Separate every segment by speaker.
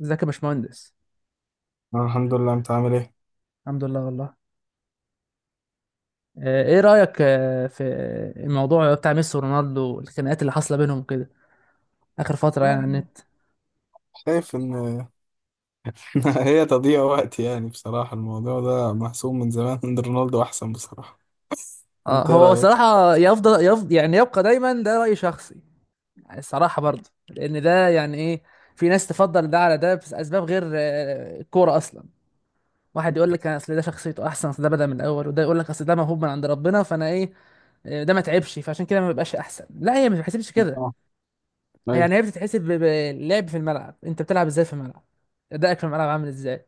Speaker 1: ازيك يا باشمهندس؟
Speaker 2: أنا الحمد لله، انت عامل ايه؟
Speaker 1: الحمد لله والله. ايه رأيك في الموضوع بتاع ميسي ورونالدو، الخناقات اللي حاصلة بينهم كده آخر فترة على
Speaker 2: يعني
Speaker 1: النت؟
Speaker 2: شايف ان هي تضييع وقت يعني بصراحة. الموضوع ده محسوم من زمان ان رونالدو احسن بصراحة.
Speaker 1: اه،
Speaker 2: انت ايه
Speaker 1: هو
Speaker 2: رأيك؟
Speaker 1: صراحة يفضل، يبقى دايما ده رأي شخصي. الصراحة برضه، لأن ده يعني ايه في ناس تفضل ده على ده، بس أسباب غير الكورة أصلا. واحد يقول لك أصل ده شخصيته أحسن، أصل ده بدأ من الأول، وده يقول لك أصل ده موهوب من عند ربنا. فأنا ايه، ده ما تعبش، فعشان كده ما بيبقاش أحسن. لا، هي ما بتحسبش كده.
Speaker 2: اه، ايوه.
Speaker 1: هي بتتحسب باللعب في الملعب. انت بتلعب ازاي في الملعب، ادائك في الملعب عامل ازاي،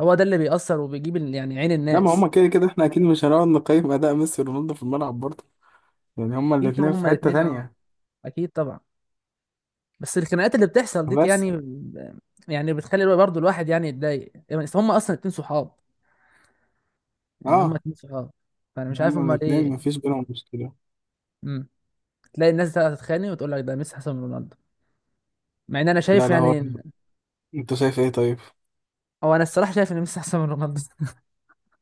Speaker 1: هو ده اللي بيأثر وبيجيب عين
Speaker 2: لا، ما
Speaker 1: الناس.
Speaker 2: هما كده كده احنا اكيد مش هنقعد نقيم اداء ميسي ورونالدو في الملعب برضه. يعني هما
Speaker 1: اكيد طبعا،
Speaker 2: الاتنين في
Speaker 1: هما
Speaker 2: حتة
Speaker 1: الاثنين اه،
Speaker 2: تانية.
Speaker 1: اكيد طبعا. بس الخناقات اللي بتحصل دي،
Speaker 2: بس
Speaker 1: بتخلي برضه الواحد يتضايق، يعني بس هما اصلا اتنين صحاب، هما
Speaker 2: اه،
Speaker 1: اتنين صحاب. فانا مش عارف
Speaker 2: هما
Speaker 1: هما
Speaker 2: الاتنين
Speaker 1: ليه.
Speaker 2: مفيش بينهم مشكلة.
Speaker 1: امم. تلاقي الناس بقى تتخانق وتقول لك ده ميسي احسن من رونالدو، مع ان انا
Speaker 2: لا
Speaker 1: شايف
Speaker 2: لا هو، انت شايف ايه طيب؟
Speaker 1: هو، انا الصراحه شايف ان ميسي احسن من رونالدو.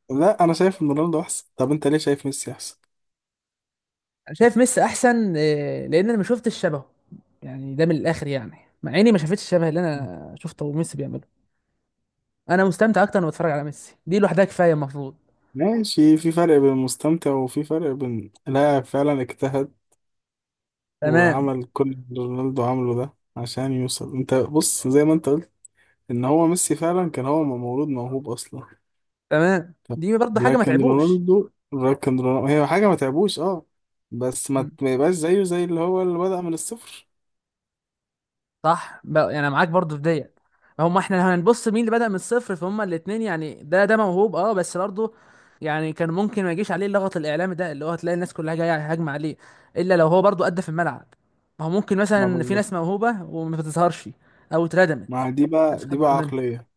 Speaker 2: لا، انا شايف ان رونالدو احسن. طب انت ليه شايف ميسي احسن؟
Speaker 1: شايف ميسي احسن لان انا ما شفتش شبهه، ده من الاخر مع اني ما شافتش الشبه اللي انا شفته ميسي بيعمله. انا مستمتع اكتر وانا بتفرج على ميسي، دي لوحدها كفايه المفروض.
Speaker 2: ماشي، في فرق بين المستمتع وفي فرق بين لاعب فعلا اجتهد
Speaker 1: تمام.
Speaker 2: وعمل كل اللي رونالدو عمله ده عشان يوصل. انت بص زي ما انت قلت، ان هو ميسي فعلا كان هو مولود موهوب اصلا،
Speaker 1: تمام، دي برضه حاجه ما
Speaker 2: لكن
Speaker 1: تعبوش.
Speaker 2: رونالدو هي حاجه ما تعبوش اه. بس ما يبقاش زيه زي اللي هو اللي بدأ من الصفر.
Speaker 1: صح، انا معاك برضو في ديت. هم احنا لو هنبص مين اللي بدأ من الصفر، فهم الاثنين، ده ده موهوب اه، بس برضه كان ممكن ما يجيش عليه اللغط الاعلامي ده، اللي هو هتلاقي الناس كلها جايه هاجمه عليه الا لو هو برضه ادى في الملعب. ما هو ممكن
Speaker 2: ما
Speaker 1: مثلا في
Speaker 2: بالظبط.
Speaker 1: ناس موهوبه وما بتظهرش، او اتردمت،
Speaker 2: ما دي
Speaker 1: محدش
Speaker 2: بقى دي
Speaker 1: خد
Speaker 2: بقى
Speaker 1: باله منها.
Speaker 2: عقليه.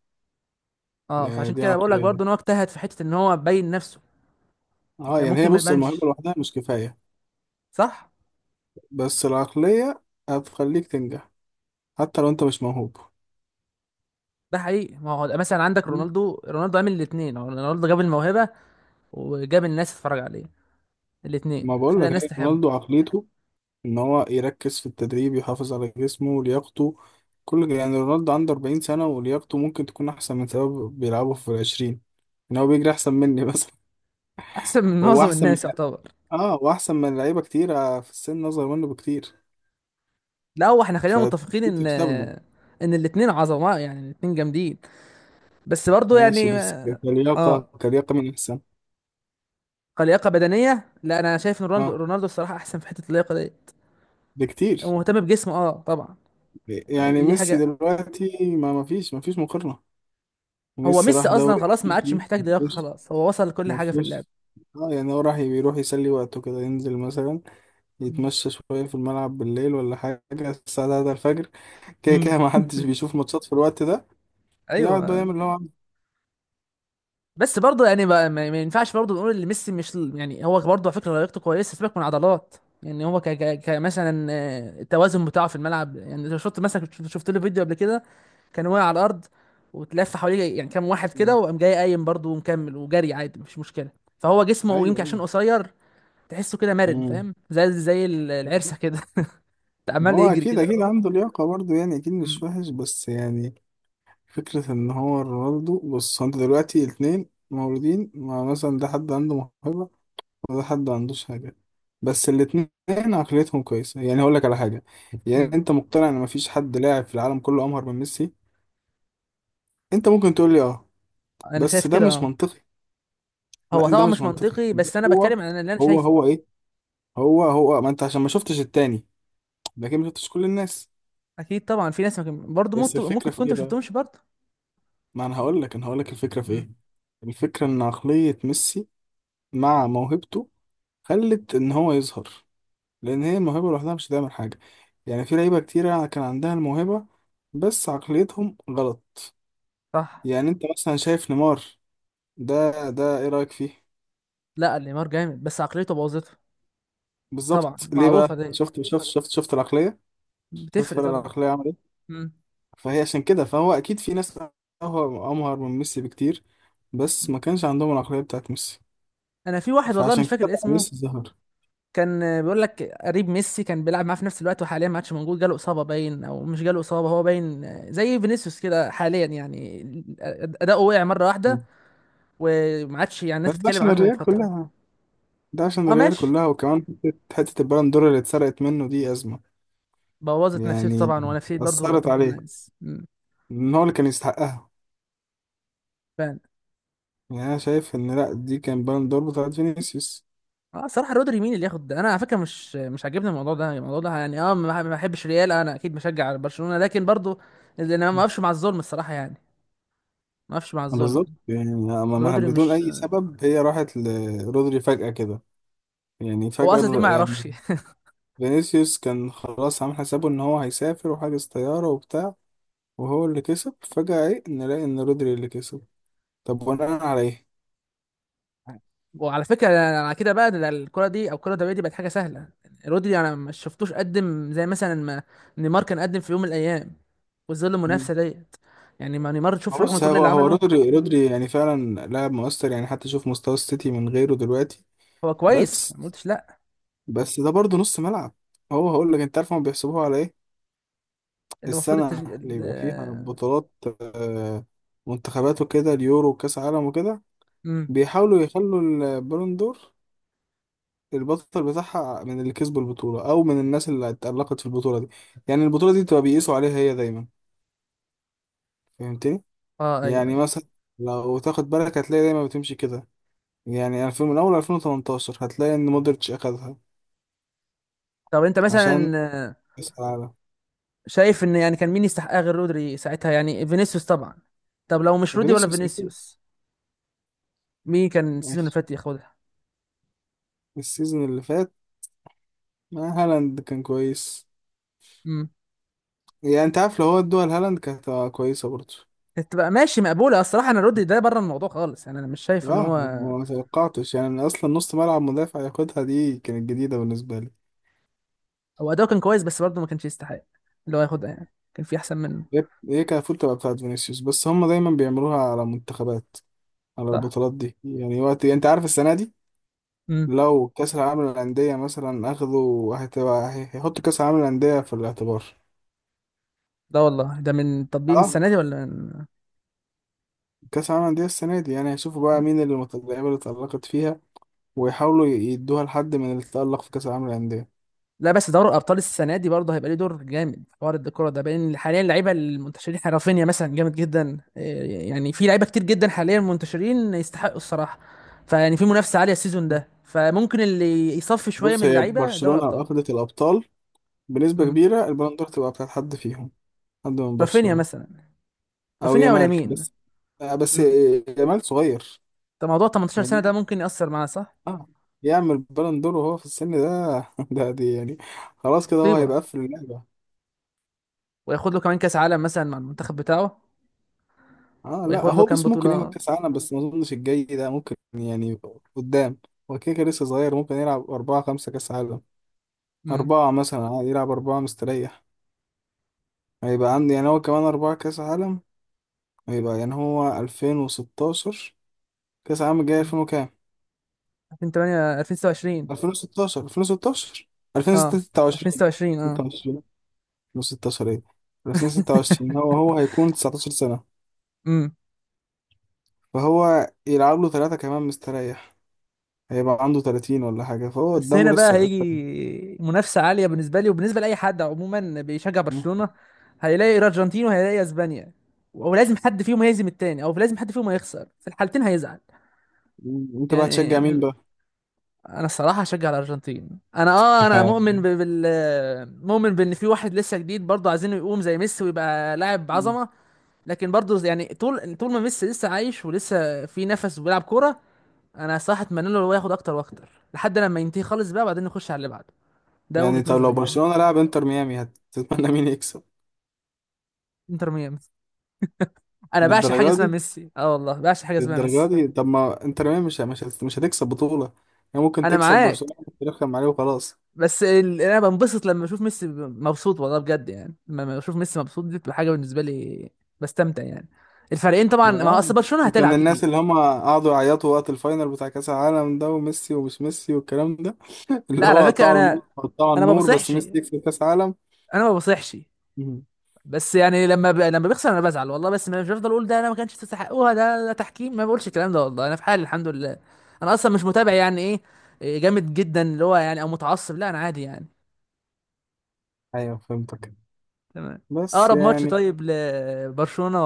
Speaker 1: اه،
Speaker 2: يعني
Speaker 1: فعشان
Speaker 2: دي
Speaker 1: كده بقول لك
Speaker 2: عقليه.
Speaker 1: برضه ان هو اجتهد في حته ان هو يبين نفسه.
Speaker 2: اه،
Speaker 1: كان
Speaker 2: يعني
Speaker 1: ممكن
Speaker 2: هي
Speaker 1: ما
Speaker 2: بص، الموهبه
Speaker 1: يبانش.
Speaker 2: لوحدها مش كفايه.
Speaker 1: صح.
Speaker 2: بس العقليه هتخليك تنجح حتى لو انت مش موهوب.
Speaker 1: ده حقيقي، ما هو مثلا عندك رونالدو، رونالدو عامل الاثنين، رونالدو جاب الموهبه وجاب الناس تتفرج عليه، الاثنين
Speaker 2: ما بقول
Speaker 1: خلى
Speaker 2: لك،
Speaker 1: الناس
Speaker 2: هي
Speaker 1: تحبه.
Speaker 2: رونالدو عقليته ان هو يركز في التدريب، يحافظ على جسمه ولياقته. كل يعني رونالدو عنده 40 سنة ولياقته ممكن تكون احسن من سبب بيلعبوا في العشرين. ان هو بيجري احسن مني بس.
Speaker 1: احسن من
Speaker 2: هو
Speaker 1: معظم
Speaker 2: احسن من،
Speaker 1: الناس يعتبر.
Speaker 2: اه، واحسن من لعيبة كتير في السن اصغر منه بكتير.
Speaker 1: لا هو احنا خلينا
Speaker 2: فدي
Speaker 1: متفقين ان،
Speaker 2: تحسب له.
Speaker 1: ان الاثنين عظماء، الاثنين جامدين، بس برضه
Speaker 2: ماشي،
Speaker 1: يعني.
Speaker 2: بس كلياقة،
Speaker 1: اه.
Speaker 2: كلياقة من احسن
Speaker 1: كلياقه بدنيه، لا انا شايف ان رونالدو
Speaker 2: اه
Speaker 1: رونالدو الصراحه احسن في حته اللياقه ديت. هو
Speaker 2: بكتير.
Speaker 1: مهتم بجسمه اه طبعا.
Speaker 2: يعني
Speaker 1: دي
Speaker 2: ميسي
Speaker 1: حاجه.
Speaker 2: دلوقتي ما فيش مقارنة.
Speaker 1: هو
Speaker 2: ميسي
Speaker 1: ميسي
Speaker 2: راح
Speaker 1: اصلا
Speaker 2: دوري
Speaker 1: خلاص ما عادش
Speaker 2: امريكي،
Speaker 1: محتاج
Speaker 2: ما
Speaker 1: لياقه،
Speaker 2: فيهوش
Speaker 1: خلاص هو وصل لكل
Speaker 2: ما
Speaker 1: حاجه في اللعب.
Speaker 2: فيهوش اه يعني هو راح بيروح يسلي وقته كده، ينزل مثلا يتمشى شوية في الملعب بالليل ولا حاجة، الساعة 3 الفجر. كده
Speaker 1: امم.
Speaker 2: كده ما حدش بيشوف ماتشات في الوقت ده. يقعد بقى
Speaker 1: ايوه.
Speaker 2: يعمل اللي هو عايزه.
Speaker 1: بس برضه ما ينفعش برضه نقول ان ميسي مش هو برضه على فكره لياقته كويسه، سيبك من عضلات. هو مثلا التوازن بتاعه في الملعب. لو شفت مثلا، شفت له فيديو قبل كده كان واقع على الارض وتلف حواليه كام واحد كده،
Speaker 2: مم.
Speaker 1: وقام جاي قايم برضه ومكمل وجري عادي، مش مشكله. فهو جسمه يمكن
Speaker 2: ايوه،
Speaker 1: عشان
Speaker 2: ايوه.
Speaker 1: قصير، تحسه كده مرن،
Speaker 2: امم،
Speaker 1: فاهم؟ زي العرسه
Speaker 2: بالظبط.
Speaker 1: كده.
Speaker 2: ما
Speaker 1: عمال
Speaker 2: هو
Speaker 1: يجري
Speaker 2: اكيد،
Speaker 1: كده
Speaker 2: اكيد
Speaker 1: اهو.
Speaker 2: عنده لياقة برضه، يعني اكيد
Speaker 1: أمم،
Speaker 2: مش وحش، بس يعني فكرة ان هو رونالدو بص، هو انت دلوقتي الاتنين مولودين، ما مثلا ده حد عنده موهبة، وده حد ما عندوش حاجة. بس الاتنين عقليتهم كويسة. يعني هقول لك على حاجة، يعني
Speaker 1: أمم.
Speaker 2: انت مقتنع ان مفيش حد لاعب في العالم كله امهر من ميسي. انت ممكن تقول لي اه،
Speaker 1: انا
Speaker 2: بس
Speaker 1: شايف
Speaker 2: ده
Speaker 1: كده
Speaker 2: مش
Speaker 1: اه.
Speaker 2: منطقي.
Speaker 1: هو
Speaker 2: لا ده
Speaker 1: طبعا
Speaker 2: مش
Speaker 1: مش
Speaker 2: منطقي،
Speaker 1: منطقي،
Speaker 2: بس
Speaker 1: بس انا
Speaker 2: هو،
Speaker 1: بتكلم عن اللي انا
Speaker 2: هو
Speaker 1: شايفه.
Speaker 2: هو ايه، هو ما انت عشان ما شفتش التاني، لكن ما شفتش كل الناس.
Speaker 1: اكيد طبعا في ناس، ممكن برضه،
Speaker 2: بس
Speaker 1: ممكن
Speaker 2: الفكره في
Speaker 1: تكون انت
Speaker 2: ايه
Speaker 1: ما
Speaker 2: بقى؟
Speaker 1: شفتهمش برضه.
Speaker 2: ما انا هقول
Speaker 1: يعني
Speaker 2: لك، الفكره في
Speaker 1: مم.
Speaker 2: ايه. الفكره ان عقليه ميسي مع موهبته خلت ان هو يظهر، لان هي الموهبه لوحدها مش هتعمل حاجه. يعني في لعيبه كتيره كان عندها الموهبه بس عقليتهم غلط.
Speaker 1: صح.
Speaker 2: يعني انت مثلا شايف نيمار ده ايه رايك فيه؟
Speaker 1: لا نيمار جامد بس عقليته بوظته. طبعا
Speaker 2: بالظبط، ليه
Speaker 1: معروفه
Speaker 2: بقى؟
Speaker 1: دي،
Speaker 2: شفت العقليه؟ شفت
Speaker 1: بتفرق
Speaker 2: فرق
Speaker 1: طبعا.
Speaker 2: العقليه عمل إيه؟
Speaker 1: مم.
Speaker 2: فهي عشان كده، فهو اكيد في ناس أمهر من ميسي بكتير، بس
Speaker 1: مم.
Speaker 2: ما كانش عندهم العقلية بتاعت ميسي.
Speaker 1: انا في واحد والله
Speaker 2: فعشان
Speaker 1: مش
Speaker 2: كده
Speaker 1: فاكر
Speaker 2: بقى
Speaker 1: اسمه،
Speaker 2: ميسي ظهر.
Speaker 1: كان بيقول لك قريب ميسي، كان بيلعب معاه في نفس الوقت، وحاليا ما عادش موجود، جاله اصابه باين، او مش جاله اصابه هو باين، زي فينيسيوس كده حاليا. اداؤه وقع مره واحده
Speaker 2: مم.
Speaker 1: وما عادش الناس
Speaker 2: بس ده
Speaker 1: بتتكلم
Speaker 2: عشان
Speaker 1: عنه
Speaker 2: الريال
Speaker 1: فتره.
Speaker 2: كلها.
Speaker 1: اه ماشي.
Speaker 2: وكمان حتة البالون دور اللي اتسرقت منه دي أزمة.
Speaker 1: بوظت نفسيته
Speaker 2: يعني
Speaker 1: طبعا، ونفسيه برضه
Speaker 2: أثرت
Speaker 1: يعتبر
Speaker 2: عليه،
Speaker 1: الناس.
Speaker 2: إن هو اللي كان يستحقها. يعني أنا شايف إن لأ، دي كان بالون دور بتاعت فينيسيوس.
Speaker 1: اه صراحة رودري، مين اللي ياخد ده؟ انا على فكرة مش عاجبني الموضوع ده. الموضوع ده اه، ما بحبش ريال، انا اكيد بشجع برشلونة، لكن برضو اللي انا ما اقفش مع الظلم الصراحة، ما اقفش مع
Speaker 2: بالظبط،
Speaker 1: الظلم.
Speaker 2: يعني
Speaker 1: رودري
Speaker 2: بدون
Speaker 1: مش،
Speaker 2: أي سبب هي راحت لرودري فجأة كده. يعني
Speaker 1: هو اصلا ليه؟
Speaker 2: فجأة
Speaker 1: ما يعرفش.
Speaker 2: يعني، فينيسيوس كان خلاص عامل حسابه ان هو هيسافر وحاجز طيارة وبتاع، وهو اللي كسب. فجأة ايه نلاقي ان رودري اللي كسب. طب وانا على ايه؟
Speaker 1: وعلى فكرة انا على كده بقى، ده الكرة دي، او الكرة الدولية دي بقت حاجة سهلة. رودري انا ما شفتوش قدم زي مثلا ما نيمار كان قدم في يوم من الايام، وظل
Speaker 2: مم.
Speaker 1: المنافسة ديت. ما نيمار
Speaker 2: ما
Speaker 1: تشوف رغم
Speaker 2: بص،
Speaker 1: كل
Speaker 2: هو
Speaker 1: اللي
Speaker 2: هو
Speaker 1: عمله.
Speaker 2: رودري رودري يعني فعلا لاعب مؤثر، يعني حتى شوف مستوى السيتي من غيره دلوقتي.
Speaker 1: هو كويس
Speaker 2: بس
Speaker 1: ما قلتش لا،
Speaker 2: بس ده برضه نص ملعب. هو هقول لك، انت عارف هم بيحسبوها على ايه؟
Speaker 1: اللي المفروض
Speaker 2: السنة
Speaker 1: التشجيع
Speaker 2: اللي يبقى فيها بطولات، آه، منتخبات وكده، اليورو وكاس عالم وكده،
Speaker 1: امم.
Speaker 2: بيحاولوا يخلوا البالون دور، البطل بتاعها، من اللي كسبوا البطولة أو من الناس اللي اتألقت في البطولة دي. يعني البطولة دي بتبقى بيقيسوا عليها هي دايما. فهمتني؟
Speaker 1: اه ايوه
Speaker 2: يعني
Speaker 1: ايوه.
Speaker 2: مثلا لو تاخد بالك هتلاقي دايما بتمشي كده. يعني ألفين، من أول 2018 هتلاقي إن مودريتش أخدها،
Speaker 1: طب انت مثلا
Speaker 2: عشان كأس العالم.
Speaker 1: شايف ان كان مين يستحقها غير رودري ساعتها؟ فينيسيوس طبعا. طب لو مش رودي ولا
Speaker 2: وفينيسيوس أكيد.
Speaker 1: فينيسيوس، مين كان السيزون اللي
Speaker 2: ماشي،
Speaker 1: فات ياخدها؟
Speaker 2: السيزون اللي فات هالاند كان كويس.
Speaker 1: امم.
Speaker 2: يعني أنت عارف، لو هو ادوها لهالاند كانت هتبقى كويسة برضه.
Speaker 1: تبقى ماشي مقبوله. الصراحه انا رودي ده بره الموضوع خالص، انا مش شايف ان
Speaker 2: اه،
Speaker 1: هو،
Speaker 2: ما توقعتش يعني إن اصلا نص ملعب مدافع ياخدها، دي كانت جديدة بالنسبة لي.
Speaker 1: هو اداؤه كان كويس بس برضه ما كانش يستحق اللي هو ياخدها، يعني كان في احسن منه.
Speaker 2: هي كفول تبقى بتاعت فينيسيوس، بس هم دايما بيعملوها على منتخبات، على
Speaker 1: صح.
Speaker 2: البطولات دي. يعني وقت، يعني انت عارف السنه دي،
Speaker 1: امم.
Speaker 2: لو كاس العالم للانديه مثلا اخذوا هتبقى هيحطوا كاس العالم للانديه في الاعتبار.
Speaker 1: لا والله ده من تطبيق، من
Speaker 2: اه،
Speaker 1: السنه دي، ولا من...
Speaker 2: كاس العالم للانديه السنه دي، يعني هيشوفوا بقى
Speaker 1: امم.
Speaker 2: مين اللي اللعيبه اللي اتألقت فيها، ويحاولوا يدوها لحد من اللي اتألق في كاس العالم للانديه.
Speaker 1: لا بس دوري الابطال السنه دي برضه هيبقى ليه دور جامد في حوار الكوره ده، بين حاليا اللعيبه المنتشرين. احنا رافينيا مثلا جامد جدا، إيه، يعني في لعيبه كتير جدا حاليا منتشرين يستحقوا الصراحه. فيعني في منافسه عاليه السيزون ده، فممكن اللي يصفي شويه
Speaker 2: بص،
Speaker 1: من
Speaker 2: هي
Speaker 1: اللعيبه دوري
Speaker 2: برشلونه لو
Speaker 1: ابطال.
Speaker 2: اخذت الابطال بنسبه
Speaker 1: امم.
Speaker 2: كبيره البالون دور تبقى بتاعت حد فيهم، حد من
Speaker 1: رافينيا
Speaker 2: برشلونه،
Speaker 1: مثلا.
Speaker 2: او
Speaker 1: رافينيا ولا
Speaker 2: يامال
Speaker 1: مين.
Speaker 2: بس. بس
Speaker 1: امم.
Speaker 2: يامال صغير
Speaker 1: ده موضوع 18 سنه، ده
Speaker 2: يعني.
Speaker 1: ممكن ياثر معاه صح.
Speaker 2: آه، يعمل بالون دور وهو في السن ده؟ ده دي يعني خلاص كده هو
Speaker 1: مصيبه.
Speaker 2: هيبقى قفل اللعبة.
Speaker 1: وياخد له كمان كاس عالم مثلا مع المنتخب بتاعه.
Speaker 2: اه، لا
Speaker 1: وياخد له
Speaker 2: هو
Speaker 1: كام
Speaker 2: بص، ممكن
Speaker 1: بطوله.
Speaker 2: يعمل كاس عالم بس ما اظنش الجاي ده ممكن يعني. قدام، هو كده كده لسه صغير، ممكن يلعب أربعة خمسة كاس عالم.
Speaker 1: امم.
Speaker 2: أربعة مثلا عادي، يلعب أربعة مستريح. هيبقى عندي يعني هو كمان أربعة كاس عالم. هيبقى يعني هو 2016، كاس العالم الجاي 2000 وكام،
Speaker 1: 2008، 2026
Speaker 2: 2016،
Speaker 1: اه،
Speaker 2: 2026، 26،
Speaker 1: 2026 اه.
Speaker 2: 2016 ايه 2026. هو هيكون 19 سنة،
Speaker 1: امم.
Speaker 2: فهو يلعب له ثلاثة كمان مستريح، هيبقى عنده 30 ولا حاجة، فهو
Speaker 1: بس
Speaker 2: قدامه
Speaker 1: هنا بقى
Speaker 2: لسه أكتر.
Speaker 1: هيجي منافسة عالية بالنسبة لي، وبالنسبة لأي حد عموما بيشجع
Speaker 2: مم.
Speaker 1: برشلونة. هيلاقي الأرجنتين وهيلاقي أسبانيا، ولازم حد فيهم هيهزم التاني، أو لازم حد فيهم هيخسر، في الحالتين هيزعل.
Speaker 2: أنت بقى هتشجع مين
Speaker 1: يعني
Speaker 2: بقى؟
Speaker 1: أنا الصراحة هشجع الأرجنتين. أنا أه، أنا مؤمن ب- بال مؤمن بإن في واحد لسه جديد برضه عايزينه يقوم زي ميسي ويبقى لاعب
Speaker 2: مم.
Speaker 1: عظمة. لكن برضه طول ما ميسي لسه عايش ولسه في نفس وبيلعب كورة، أنا صراحة أتمنى له هو ياخد أكتر وأكتر لحد لما ينتهي خالص بقى، وبعدين نخش على اللي بعده. ده وجهة
Speaker 2: يعني طب
Speaker 1: نظري
Speaker 2: لو
Speaker 1: يعني.
Speaker 2: برشلونة لعب انتر ميامي هتتمنى مين يكسب؟
Speaker 1: انتر ميامي. انا بعشق حاجه
Speaker 2: للدرجة
Speaker 1: اسمها
Speaker 2: دي؟
Speaker 1: ميسي، اه والله بعشق حاجه اسمها ميسي.
Speaker 2: طب ما انتر ميامي مش هتكسب بطولة. يعني ممكن
Speaker 1: انا
Speaker 2: تكسب
Speaker 1: معاك،
Speaker 2: برشلونة وترخم عليه وخلاص.
Speaker 1: بس انا بنبسط لما اشوف ميسي مبسوط، والله بجد. لما اشوف ميسي مبسوط دي بتبقى حاجه بالنسبه لي، بستمتع يعني. الفريقين طبعا،
Speaker 2: ده
Speaker 1: ما
Speaker 2: آه.
Speaker 1: اصل برشلونه
Speaker 2: انت من
Speaker 1: هتلعب
Speaker 2: الناس
Speaker 1: كتير.
Speaker 2: اللي هم قعدوا يعيطوا وقت الفاينل بتاع كأس العالم ده، وميسي ومش ميسي والكلام ده؟
Speaker 1: لا
Speaker 2: اللي
Speaker 1: على
Speaker 2: هو
Speaker 1: فكره
Speaker 2: قطعوا
Speaker 1: انا،
Speaker 2: الماتش وقطعوا
Speaker 1: انا ما
Speaker 2: النور بس
Speaker 1: بصيحش
Speaker 2: ميسي يكسب كأس عالم.
Speaker 1: انا ما بصيحش.
Speaker 2: مم.
Speaker 1: بس لما ب... لما بيخسر انا بزعل والله، بس مش بفضل اقول ده انا ما كانش تستحقوها، ده ده تحكيم، ما بقولش الكلام ده والله. انا في حالي الحمد لله، انا اصلا مش متابع ايه، إيه جامد جدا اللي هو يعني، او متعصب. لا انا عادي يعني.
Speaker 2: ايوه، فهمتك.
Speaker 1: تمام.
Speaker 2: بس
Speaker 1: اقرب ماتش
Speaker 2: يعني
Speaker 1: طيب لبرشلونة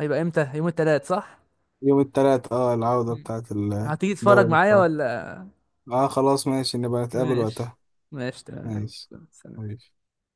Speaker 1: هيبقى امتى؟ يوم الثلاث صح؟
Speaker 2: يوم التلات، اه، العودة
Speaker 1: مم.
Speaker 2: بتاعت
Speaker 1: هتيجي تتفرج
Speaker 2: دوري
Speaker 1: معايا
Speaker 2: الأبطال.
Speaker 1: ولا؟
Speaker 2: اه خلاص ماشي، نبقى
Speaker 1: ماشي.
Speaker 2: نتقابل وقتها.
Speaker 1: ماشي تمام.
Speaker 2: ماشي،
Speaker 1: سلام.
Speaker 2: ماشي.